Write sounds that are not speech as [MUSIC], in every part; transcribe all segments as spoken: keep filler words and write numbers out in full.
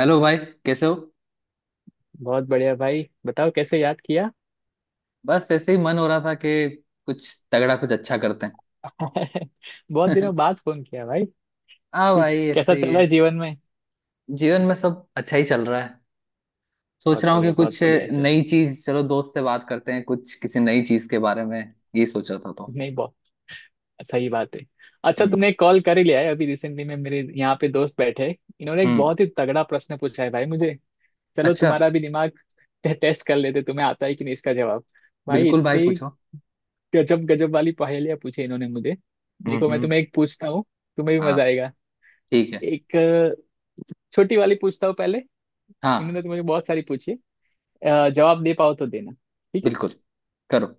Hello भाई। कैसे हो? बहुत बढ़िया भाई। बताओ कैसे याद किया? बस ऐसे ही मन हो रहा था कि कुछ तगड़ा, कुछ अच्छा करते हैं। [LAUGHS] बहुत दिनों [LAUGHS] बाद फोन किया भाई। हाँ कुछ भाई, ऐसे कैसा चल ही रहा है। है जीवन में? जीवन में सब अच्छा ही चल रहा है। सोच बहुत रहा हूँ कि बढ़िया कुछ बहुत बढ़िया। चल नई चीज, चलो दोस्त से बात करते हैं कुछ किसी नई चीज के बारे में, ये सोचा था तो। नहीं, बहुत सही बात है। अच्छा, हम्म। तुमने एक कॉल कर ही लिया है। अभी रिसेंटली में मेरे यहाँ पे दोस्त बैठे। इन्होंने एक हम्म। बहुत ही तगड़ा प्रश्न पूछा है भाई मुझे। चलो अच्छा। तुम्हारा भी दिमाग टे- टेस्ट कर लेते। तुम्हें आता है कि नहीं इसका जवाब? भाई बिल्कुल भाई, इतनी पूछो। गजब गजब वाली पहेलियां पूछी इन्होंने मुझे। हम्म। देखो मैं हम्म। तुम्हें एक पूछता हूँ, तुम्हें भी हाँ, मजा आएगा। ठीक है। एक अ, छोटी वाली पूछता हूँ पहले। हाँ, इन्होंने तो मुझे बहुत सारी पूछी है। अ, जवाब दे पाओ तो देना, ठीक है। बिल्कुल, करो।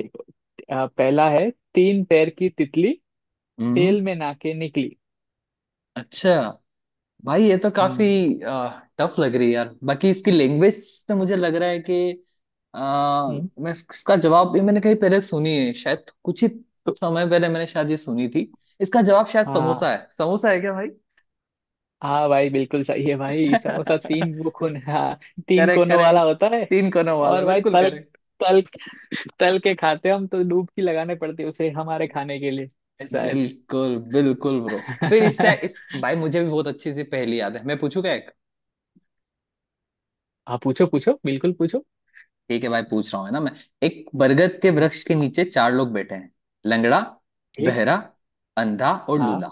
देखो, अ, पहला है— तीन पैर की तितली, हम्म। तेल में नाके निकली। अच्छा। भाई, ये तो काफी हम्म। टफ लग रही है यार। बाकी इसकी लैंग्वेज से मुझे लग रहा है कि अ, हम्म मैं इस- इसका जवाब भी मैंने कहीं पहले सुनी है, शायद कुछ ही तो समय पहले मैंने शायद ये सुनी थी। इसका जवाब शायद हाँ, समोसा है। समोसा है क्या भाई? हाँ भाई बिल्कुल सही है भाई। समोसा, तीन वो [LAUGHS] कोन, हाँ, तीन करेक्ट, कोनों वाला करेक्ट। होता है। तीन कोनों वाला, और भाई बिल्कुल तल करेक्ट। तल तल के खाते हम, तो डुबकी लगाने पड़ती है उसे हमारे खाने के लिए, ऐसा है। बिल्कुल, बिल्कुल ब्रो। फिर इससे इस [LAUGHS] भाई, मुझे भी बहुत अच्छी सी पहेली याद है, मैं पूछू क्या? हाँ पूछो पूछो बिल्कुल पूछो। ठीक है भाई, पूछ रहा हूँ है ना मैं। एक बरगद के वृक्ष के नीचे चार लोग बैठे हैं। लंगड़ा, एक, बहरा, अंधा और हाँ, लूला।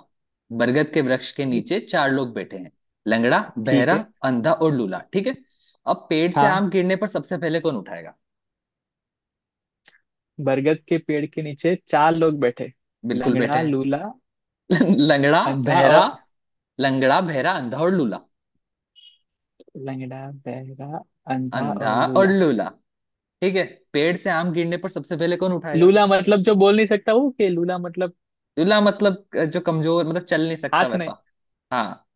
बरगद के वृक्ष के एक नीचे चार लोग बैठे हैं। लंगड़ा, ठीक बहरा, है। अंधा और लूला, ठीक है। अब पेड़ से हाँ, आम गिरने पर सबसे पहले कौन उठाएगा? बरगद के पेड़ के नीचे चार लोग बैठे— बिल्कुल, बैठे लंगड़ा, हैं। लूला, [LAUGHS] लंगड़ा, अंधा बहरा, और। लंगड़ा, बहरा, अंधा और लूला। लंगड़ा, बहरा, अंधा अंधा और और लूला। लूला, ठीक है। पेड़ से आम गिरने पर सबसे पहले कौन उठाएगा? लूला मतलब जो बोल नहीं सकता, वो के? लूला मतलब लूला मतलब जो कमजोर, मतलब चल नहीं सकता हाथ नहीं? वैसा। हाँ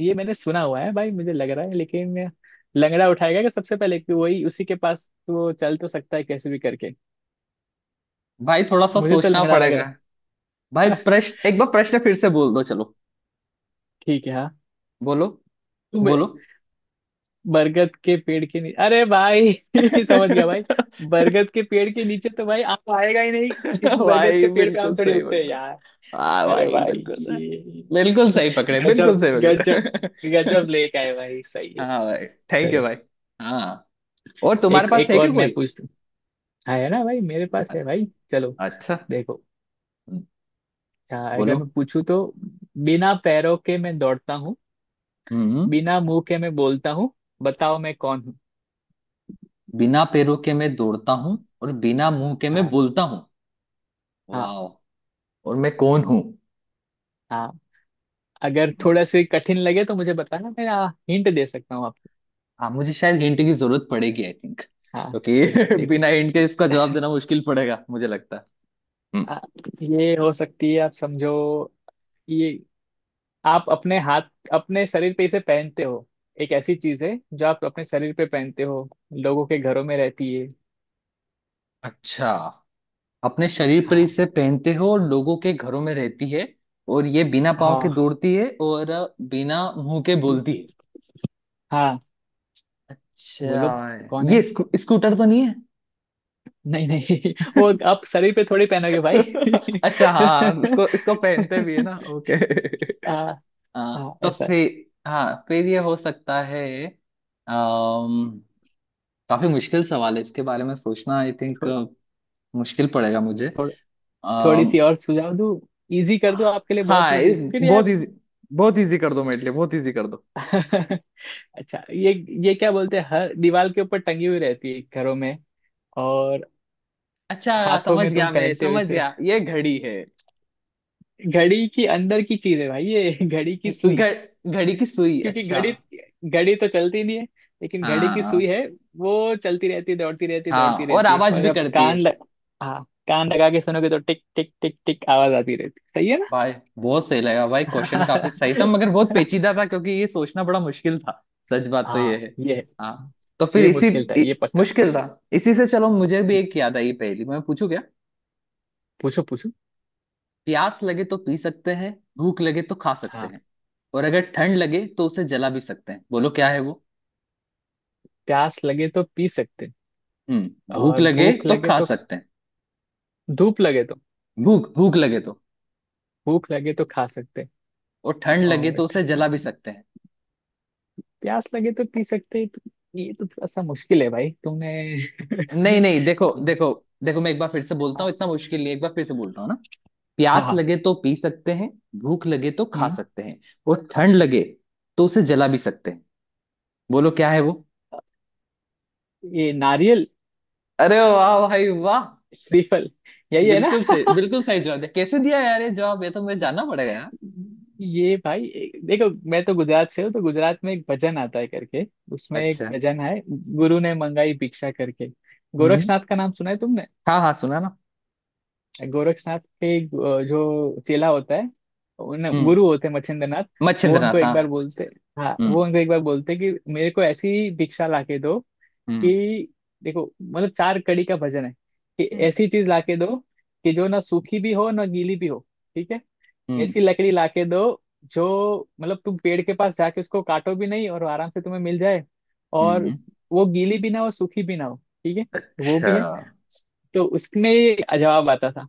ये मैंने सुना हुआ है भाई, मुझे लग रहा है, लेकिन लंगड़ा उठाएगा कि सबसे पहले, कि वही, उसी के पास तो चल तो सकता है कैसे भी करके। भाई, थोड़ा सा मुझे तो सोचना लंगड़ा लग पड़ेगा। रहा भाई, है। प्रश्न एक बार, प्रश्न फिर से बोल दो चलो। [LAUGHS] ठीक है, हाँ, बोलो। तुम। बोलो। बरगद के पेड़ के नीचे— अरे भाई [LAUGHS] समझ गया भाई। [LAUGHS] बरगद के पेड़ के नीचे तो भाई आम तो आएगा ही नहीं, क्योंकि बरगद भाई, के पेड़ पे आम बिल्कुल थोड़ी सही उगते हैं पकड़ा। यार। हाँ अरे भाई, भाई बिल्कुल सही। ये बिल्कुल सही पकड़े, बिल्कुल गजब सही गजब पकड़े। [LAUGHS] गजब लेके आए भाई, सही है। हाँ भाई, थैंक यू चलो भाई। हाँ, और तुम्हारे एक पास एक है और क्या मैं कोई? पूछ लूं। हाँ है ना भाई, मेरे पास है अरे, भाई। चलो, अच्छा। देखो। हम्म, हाँ, अगर बोलो। मैं पूछूं तो— बिना पैरों के मैं दौड़ता हूँ, हम्म। बिना मुंह के मैं बोलता हूँ, बताओ मैं कौन हूँ? बिना पैरों के मैं दौड़ता हूँ और बिना मुंह के मैं हाँ बोलता हूँ। हाँ। वाह, और मैं कौन हूँ? हाँ, अगर थोड़ा से कठिन लगे तो मुझे बताना, मैं हाँ, हिंट दे सकता हूँ आपको। हाँ, मुझे शायद हिंट की जरूरत पड़ेगी आई थिंक, हाँ, क्योंकि [LAUGHS] देखो बिना हिंट के इसका जवाब देना मुश्किल पड़ेगा मुझे लगता है। हम्म, आ, ये हो सकती है, आप समझो। ये आप अपने हाथ, अपने शरीर पे इसे पहनते हो। एक ऐसी चीज है जो आप अपने शरीर पे पहनते हो, लोगों के घरों में रहती है। अच्छा। अपने शरीर पर हाँ इसे पहनते हो, और लोगों के घरों में रहती है। और ये बिना पाँव के हाँ। दौड़ती है, और बिना मुंह के ये- बोलती है। हाँ बोलो, अच्छा, कौन है? ये स्कू, स्कूटर तो नहीं है? नहीं नहीं [LAUGHS] वो आप शरीर पे थोड़ी पहनोगे भाई। [LAUGHS] अच्छा, हाँ, उसको इसको [LAUGHS] पहनते भी है ना, ओके। आ, [LAUGHS] आ, हाँ तो ऐसा फिर, हाँ फिर ये हो सकता है। अम्म काफी मुश्किल सवाल है इसके बारे में सोचना आई थिंक। थो, मुश्किल पड़ेगा मुझे। थोड़, थोड़ी अम, सी और सुझाव दूं? इजी कर दूं आपके लिए, बहुत हाँ, इजी इस, फिर यार। बहुत इजी, बहुत इजी कर दो मेरे लिए, बहुत इजी कर दो। [LAUGHS] अच्छा, ये ये क्या बोलते हैं, हर दीवार के ऊपर टंगी हुई रहती है घरों में, और अच्छा, हाथों समझ में तुम गया, मैं पहनते हो समझ इसे। गया, ये घड़ी है। घड़ी की अंदर की चीज है भाई ये [LAUGHS] घड़ी की सुई। घ- घड़ी की सुई, क्योंकि अच्छा। घड़ी घड़ी तो चलती नहीं है, लेकिन घड़ी की सुई हाँ। है। वो चलती रहती है, दौड़ती रहती है हाँ, दौड़ती और रहती है, आवाज और भी जब करती है। कान लग— हाँ, कान लगा के सुनोगे तो टिक टिक टिक टिक आवाज आती रहती है। सही है ना? भाई, बहुत सही लगा भाई, क्वेश्चन काफी सही था, मगर बहुत पेचीदा था क्योंकि ये सोचना बड़ा मुश्किल था। [LAUGHS] सच बात तो ये हाँ, है। ये है। हाँ तो फिर ये इसी मुश्किल था, इ, ये पक्का। मुश्किल था। इसी से चलो, मुझे भी एक याद आई पहेली, मैं पूछू क्या? पूछो पूछो। प्यास लगे तो पी सकते हैं। भूख लगे तो खा सकते हाँ, हैं। और अगर ठंड लगे तो उसे जला भी सकते हैं। बोलो क्या है वो? प्यास लगे तो पी सकते हैं। हम्म, भूख और लगे भूख तो लगे खा तो— सकते हैं, धूप लगे तो— भूख भूख लगे तो, भूख लगे तो खा सकते हैं। और ठंड लगे और तो उसे ठंड— जला भी सकते हैं। प्यास लगे तो पी सकते हैं तो— ये तो थोड़ा सा मुश्किल है भाई, तुमने [LAUGHS] नहीं, नहीं, देखो, देखो, देखो, मैं एक बार फिर से बोलता हूँ, इतना मुश्किल नहीं है, एक बार फिर से बोलता हूँ ना। हाँ प्यास हाँ। लगे तो पी सकते हैं। भूख लगे तो खा हम्म, सकते हैं। और ठंड लगे तो उसे जला भी सकते हैं। बोलो क्या है वो? ये नारियल, अरे वाह भाई वाह। श्रीफल, यही है ना? बिल्कुल सही, [LAUGHS] बिल्कुल सही जवाब है। कैसे दिया यार ये जवाब, ये तो मुझे जानना पड़ेगा यार। ये भाई एक- देखो, मैं तो गुजरात से हूँ, तो गुजरात में एक भजन आता है करके, उसमें एक अच्छा। भजन है— गुरु ने मंगाई भिक्षा करके। हम्म। गोरक्षनाथ का नाम सुना है तुमने? हाँ, हाँ सुना ना। गोरक्षनाथ के अ, जो चेला होता है, उन्हें हम्म। गुरु होते हैं मच्छिंद्रनाथ। वो उनको मच्छिंद्रनाथ, एक हाँ। बार बोलते, हाँ, हम्म। वो उनको एक बार बोलते कि मेरे को ऐसी भिक्षा ला के दो हम्म। कि— देखो, मतलब चार कड़ी का भजन है— कि हम्म। ऐसी चीज लाके दो, कि जो ना सूखी भी हो, ना गीली भी हो, ठीक है? हम्म। ऐसी लकड़ी लाके दो जो— मतलब तुम पेड़ के पास जाके उसको काटो भी नहीं और आराम से तुम्हें मिल जाए, और हम्म। वो गीली भी ना हो, सूखी भी ना हो, ठीक है? वो भी अच्छा। है। तो उसमें ये जवाब आता था।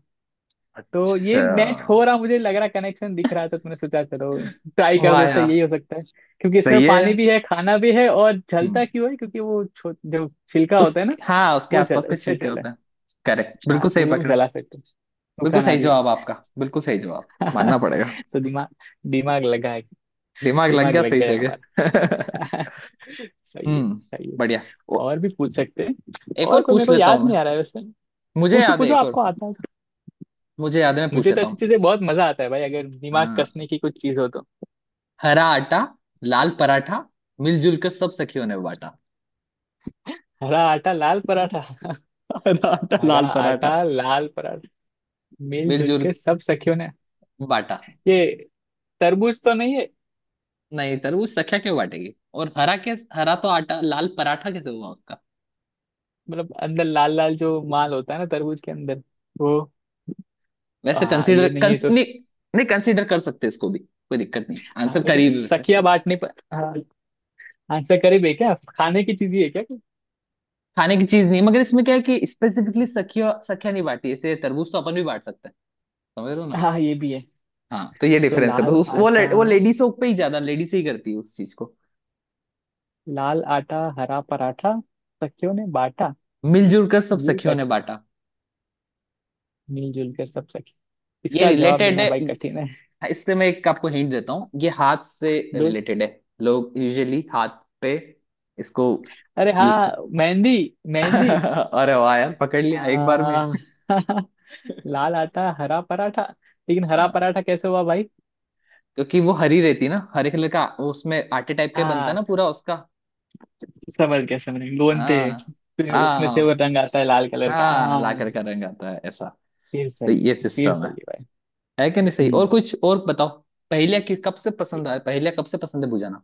तो ये अच्छा। मैच हो रहा, मुझे लग रहा, कनेक्शन दिख रहा था, तुमने सोचा चलो ट्राई कर वाह देता, यार, यही हो सकता है। क्योंकि इसमें सही है। पानी भी है, खाना भी है, और जलता हम्म, क्यों है क्योंकि वो छो- जो छिलका होता उस, है ना, हाँ, उसके वो जल आसपास के उससे छिलके जला। होते हैं। करेक्ट, हाँ बिल्कुल सही वो हम पकड़े। जला सकते हैं। बिल्कुल सूखा सही नारियल। जवाब आपका, बिल्कुल सही जवाब मानना [LAUGHS] पड़ेगा। तो दिमाग दिमाग लगा है। दिमाग लग दिमाग गया लग सही गया जगह। [LAUGHS] हमारा। [LAUGHS] सही है हम्म, सही बढ़िया। है। ओ, और भी पूछ सकते हैं, एक और और कोई मेरे पूछ को लेता याद हूँ मैं। नहीं आ रहा है वैसे। मुझे पूछो याद है पूछो एक आपको और। आता है तो। मुझे याद है, मैं पूछ मुझे तो लेता ऐसी हूँ। चीजें बहुत मजा आता है भाई, अगर दिमाग हाँ। कसने की कुछ चीज हो तो। हरा आटा, लाल पराठा, मिलजुल कर सब सखियों ने बांटा। हरा आटा लाल पराठा? हरा [LAUGHS] आटा, हरा लाल पराठा, आटा लाल पराठा, मिलजुल मिलजुल के सब सखियों ने— बांटा। ये तरबूज तो नहीं है? नहीं, तरबूज सखिया क्यों बांटेगी? और हरा के हरा तो आटा, लाल पराठा कैसे हुआ उसका? मतलब अंदर लाल लाल जो माल होता है ना तरबूज के अंदर, वो। वैसे आ, कंसीडर, ये नहीं है कंस, तो? नहीं। नहीं, कंसीडर कर सकते इसको भी, कोई दिक्कत नहीं, हाँ, आंसर लेकिन करीब है वैसे। सखिया बांटने पर, हाँ, आंसर करीब है? क्या खाने की चीज ही है क्या कोई? खाने की चीज नहीं, मगर इसमें क्या है कि स्पेसिफिकली सखिया, सखिया नहीं बांटी, ऐसे तरबूज तो अपन भी बांट सकते हैं। समझ रहे हो ना? हाँ ये भी है। हाँ, तो ये तो डिफरेंस है बस, लाल उस, वो ले, आटा, वो लेडीज पे ही ज्यादा, लेडीज ही करती है उस चीज को। लाल आटा हरा पराठा सखियों ने बांटा? मिलजुल कर सब ये सखियों ने कठ बांटा। मिलजुल कर सब सखी, ये इसका जवाब रिलेटेड देना है, भाई कठिन है। इससे मैं एक आपको हिंट देता हूँ। ये हाथ से दूध? रिलेटेड है। लोग यूजुअली हाथ पे इसको अरे यूज हाँ, कर। मेहंदी। मेहंदी। [LAUGHS] अरे वाह यार, पकड़ लिया एक बार में। हाँ [LAUGHS] लाल आटा हरा पराठा, लेकिन हरा हाँ। पराठा कैसे हुआ भाई? क्योंकि वो हरी रहती है ना, हरे कलर का वो, उसमें आटे टाइप का ही बनता है हाँ ना पूरा उसका। समझ गया समझ गया, गोंदते हैं, हाँ। फिर उसमें से वो हाँ। रंग आता है लाल कलर का, हाँ, हाँ। लाकर का रंग आता है ऐसा। फिर तो सही है, ये फिर सिस्टम है। सही है भाई। है कि नहीं सही? और हम्म। कुछ और बताओ। पहले कि कब से पसंद है, पहले कब से पसंद है बुझाना?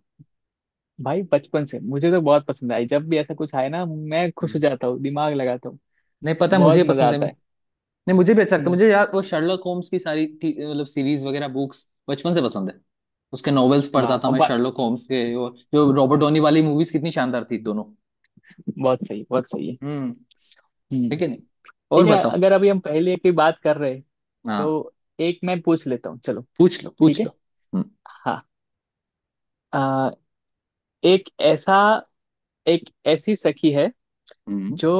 भाई बचपन से मुझे तो बहुत पसंद आई, जब भी ऐसा कुछ आए ना मैं खुश हो हम्म। जाता हूँ, दिमाग लगाता हूँ, नहीं पता मुझे बहुत ही मजा पसंद है। आता है। नहीं, मुझे भी अच्छा लगता है हम्म। मुझे यार। वो शर्लक होम्स की सारी टी- मतलब सीरीज वगैरह बुक्स बचपन से पसंद है। उसके नॉवेल्स वाह, पढ़ता था अब मैं बात शर्लक होम्स के, और जो रॉबर्ट सही, डॉनी वाली मूवीज कितनी शानदार थी दोनों। बहुत सही, बहुत सही है। हम्म। हम्म। ठीक है। नहीं, और ठीक है, बताओ। अगर अभी हम पहले की बात कर रहे हैं, हाँ, तो एक मैं पूछ लेता हूँ चलो। पूछ लो, ठीक पूछ है। लो। हम्म। हाँ, आ, एक ऐसा एक ऐसी सखी है, हम्म। जो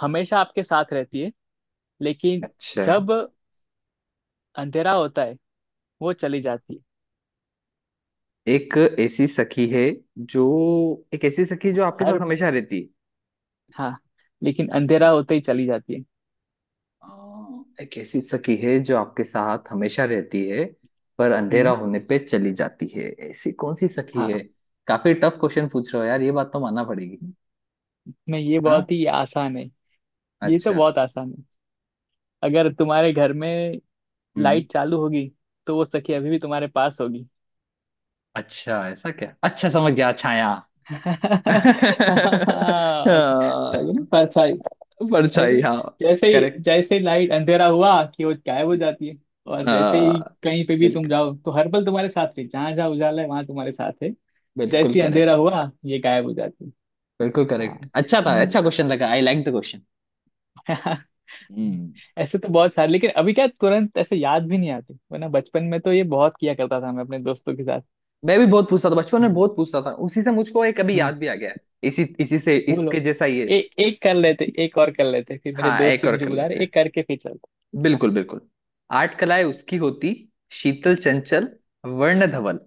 हमेशा आपके साथ रहती है, लेकिन अच्छा। जब अंधेरा होता है वो चली जाती है। एक ऐसी सखी है जो एक ऐसी सखी जो आपके हर— साथ हमेशा रहती है। हाँ, लेकिन अच्छा, अंधेरा होते ही चली जाती है। हाँ, एक ऐसी सखी है जो आपके साथ हमेशा रहती है, पर अंधेरा हम्म। होने पे चली जाती है। ऐसी कौन सी सखी हाँ, है? काफी टफ क्वेश्चन पूछ रहे हो यार, ये बात तो मानना पड़ेगी। नहीं ये हाँ। बहुत ही आसान है, ये तो अच्छा। बहुत आसान है। अगर तुम्हारे घर में हम्म। लाइट चालू होगी तो वो सखी अभी भी तुम्हारे पास होगी। अच्छा, ऐसा क्या? अच्छा, समझ गया, छाया। [LAUGHS] [LAUGHS] हाँ, सही ना, परछाई। परछाई, देखो, हाँ। जैसे ही करेक्ट। जैसे ही लाइट अंधेरा हुआ कि वो गायब हो जाती है। और जैसे ही हाँ, कहीं पे भी तुम बिल्कुल, जाओ, तो हर पल तुम्हारे साथ है, जहाँ जहाँ उजाला है वहां तुम्हारे साथ है। बिल्कुल जैसे ही अंधेरा करेक्ट। हुआ ये गायब हो जाती है। बिल्कुल हाँ करेक्ट, अच्छा था, अच्छा मुझे। क्वेश्चन लगा, आई लाइक द क्वेश्चन। [LAUGHS] हम्म। ऐसे तो बहुत सारे, लेकिन अभी क्या तुरंत ऐसे याद भी नहीं आते, वरना बचपन में तो ये बहुत किया करता था मैं अपने दोस्तों के साथ। मैं भी बहुत पूछता था बचपन में, बहुत पूछता था, उसी से मुझको एक अभी हम्म। याद भी आ गया है। इसी इसी से, इसके बोलो। जैसा ये। ए, एक कर लेते एक और कर लेते, फिर मेरे हाँ, दोस्त एक भी और मुझे कर बुला लेते रहे, हैं। एक करके फिर चलते हाँ। बिल्कुल, बिल्कुल। आठ कलाएं उसकी होती, शीतल चंचल, वर्ण धवल,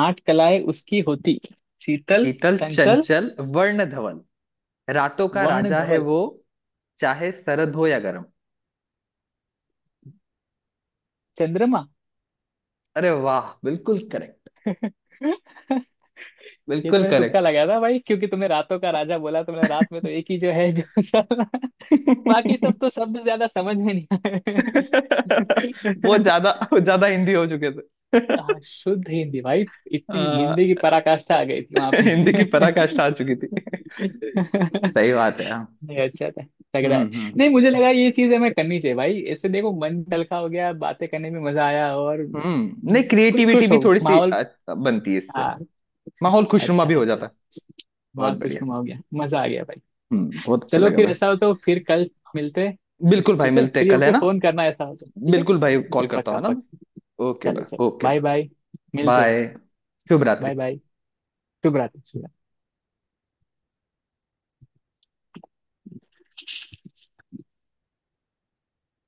आठ कलाएं उसकी होती, शीतल, शीतल चंचल, चंचल, वर्ण धवल, रातों का वर्ण राजा है धवल— वो, चाहे सरद हो या गर्म। चंद्रमा? अरे वाह, बिल्कुल करेक्ट। [LAUGHS] ये तो बिल्कुल मैंने तुक्का करेक्ट। लगाया था भाई, क्योंकि तुमने रातों का राजा बोला तो मैंने रात में तो एक ही जो है जो चल रहा है। [LAUGHS] बाकी सब तो शब्द ज्यादा समझ में नहीं आए। [LAUGHS] वो [LAUGHS] ज्यादा वो ज्यादा हिंदी हो चुके थे। हाँ, [LAUGHS] शुद्ध हिंदी भाई। इतनी अ, हिंदी की पराकाष्ठा आ गई थी वहां हिंदी की पे। पराकाष्ठा आ चुकी थी। [LAUGHS] सही नहीं बात है हाँ। अच्छा था, तगड़ा हम्म। है। हम्म। नहीं मुझे लगा ये चीज हमें करनी चाहिए भाई, इससे देखो मन हल्का हो गया, बातें करने में मजा आया, और हम्म। नहीं, खुश क्रिएटिविटी खुश भी हो थोड़ी सी माहौल। अ, बनती है इससे। हाँ। माहौल खुशनुमा अच्छा भी हो अच्छा। जाता है। बहुत माहौल बढ़िया। खुशनुमा हो गया, मजा आ गया भाई। हम्म, बहुत अच्छा चलो लगा फिर भाई। ऐसा हो तो फिर कल मिलते हैं। ठीक बिल्कुल भाई, ठीक है, मिलते हैं फ्री कल, है होके ना? फोन करना ऐसा हो तो, ठीक है। बिल्कुल भाई, कॉल करता हूँ, पक्का है ना? पक्का। ओके चलो भाई, चलो, ओके बाय ब्रो, बाय, मिलते हैं। बाय। शुभ बाय रात्रि। बाय, शुभ रात्रि।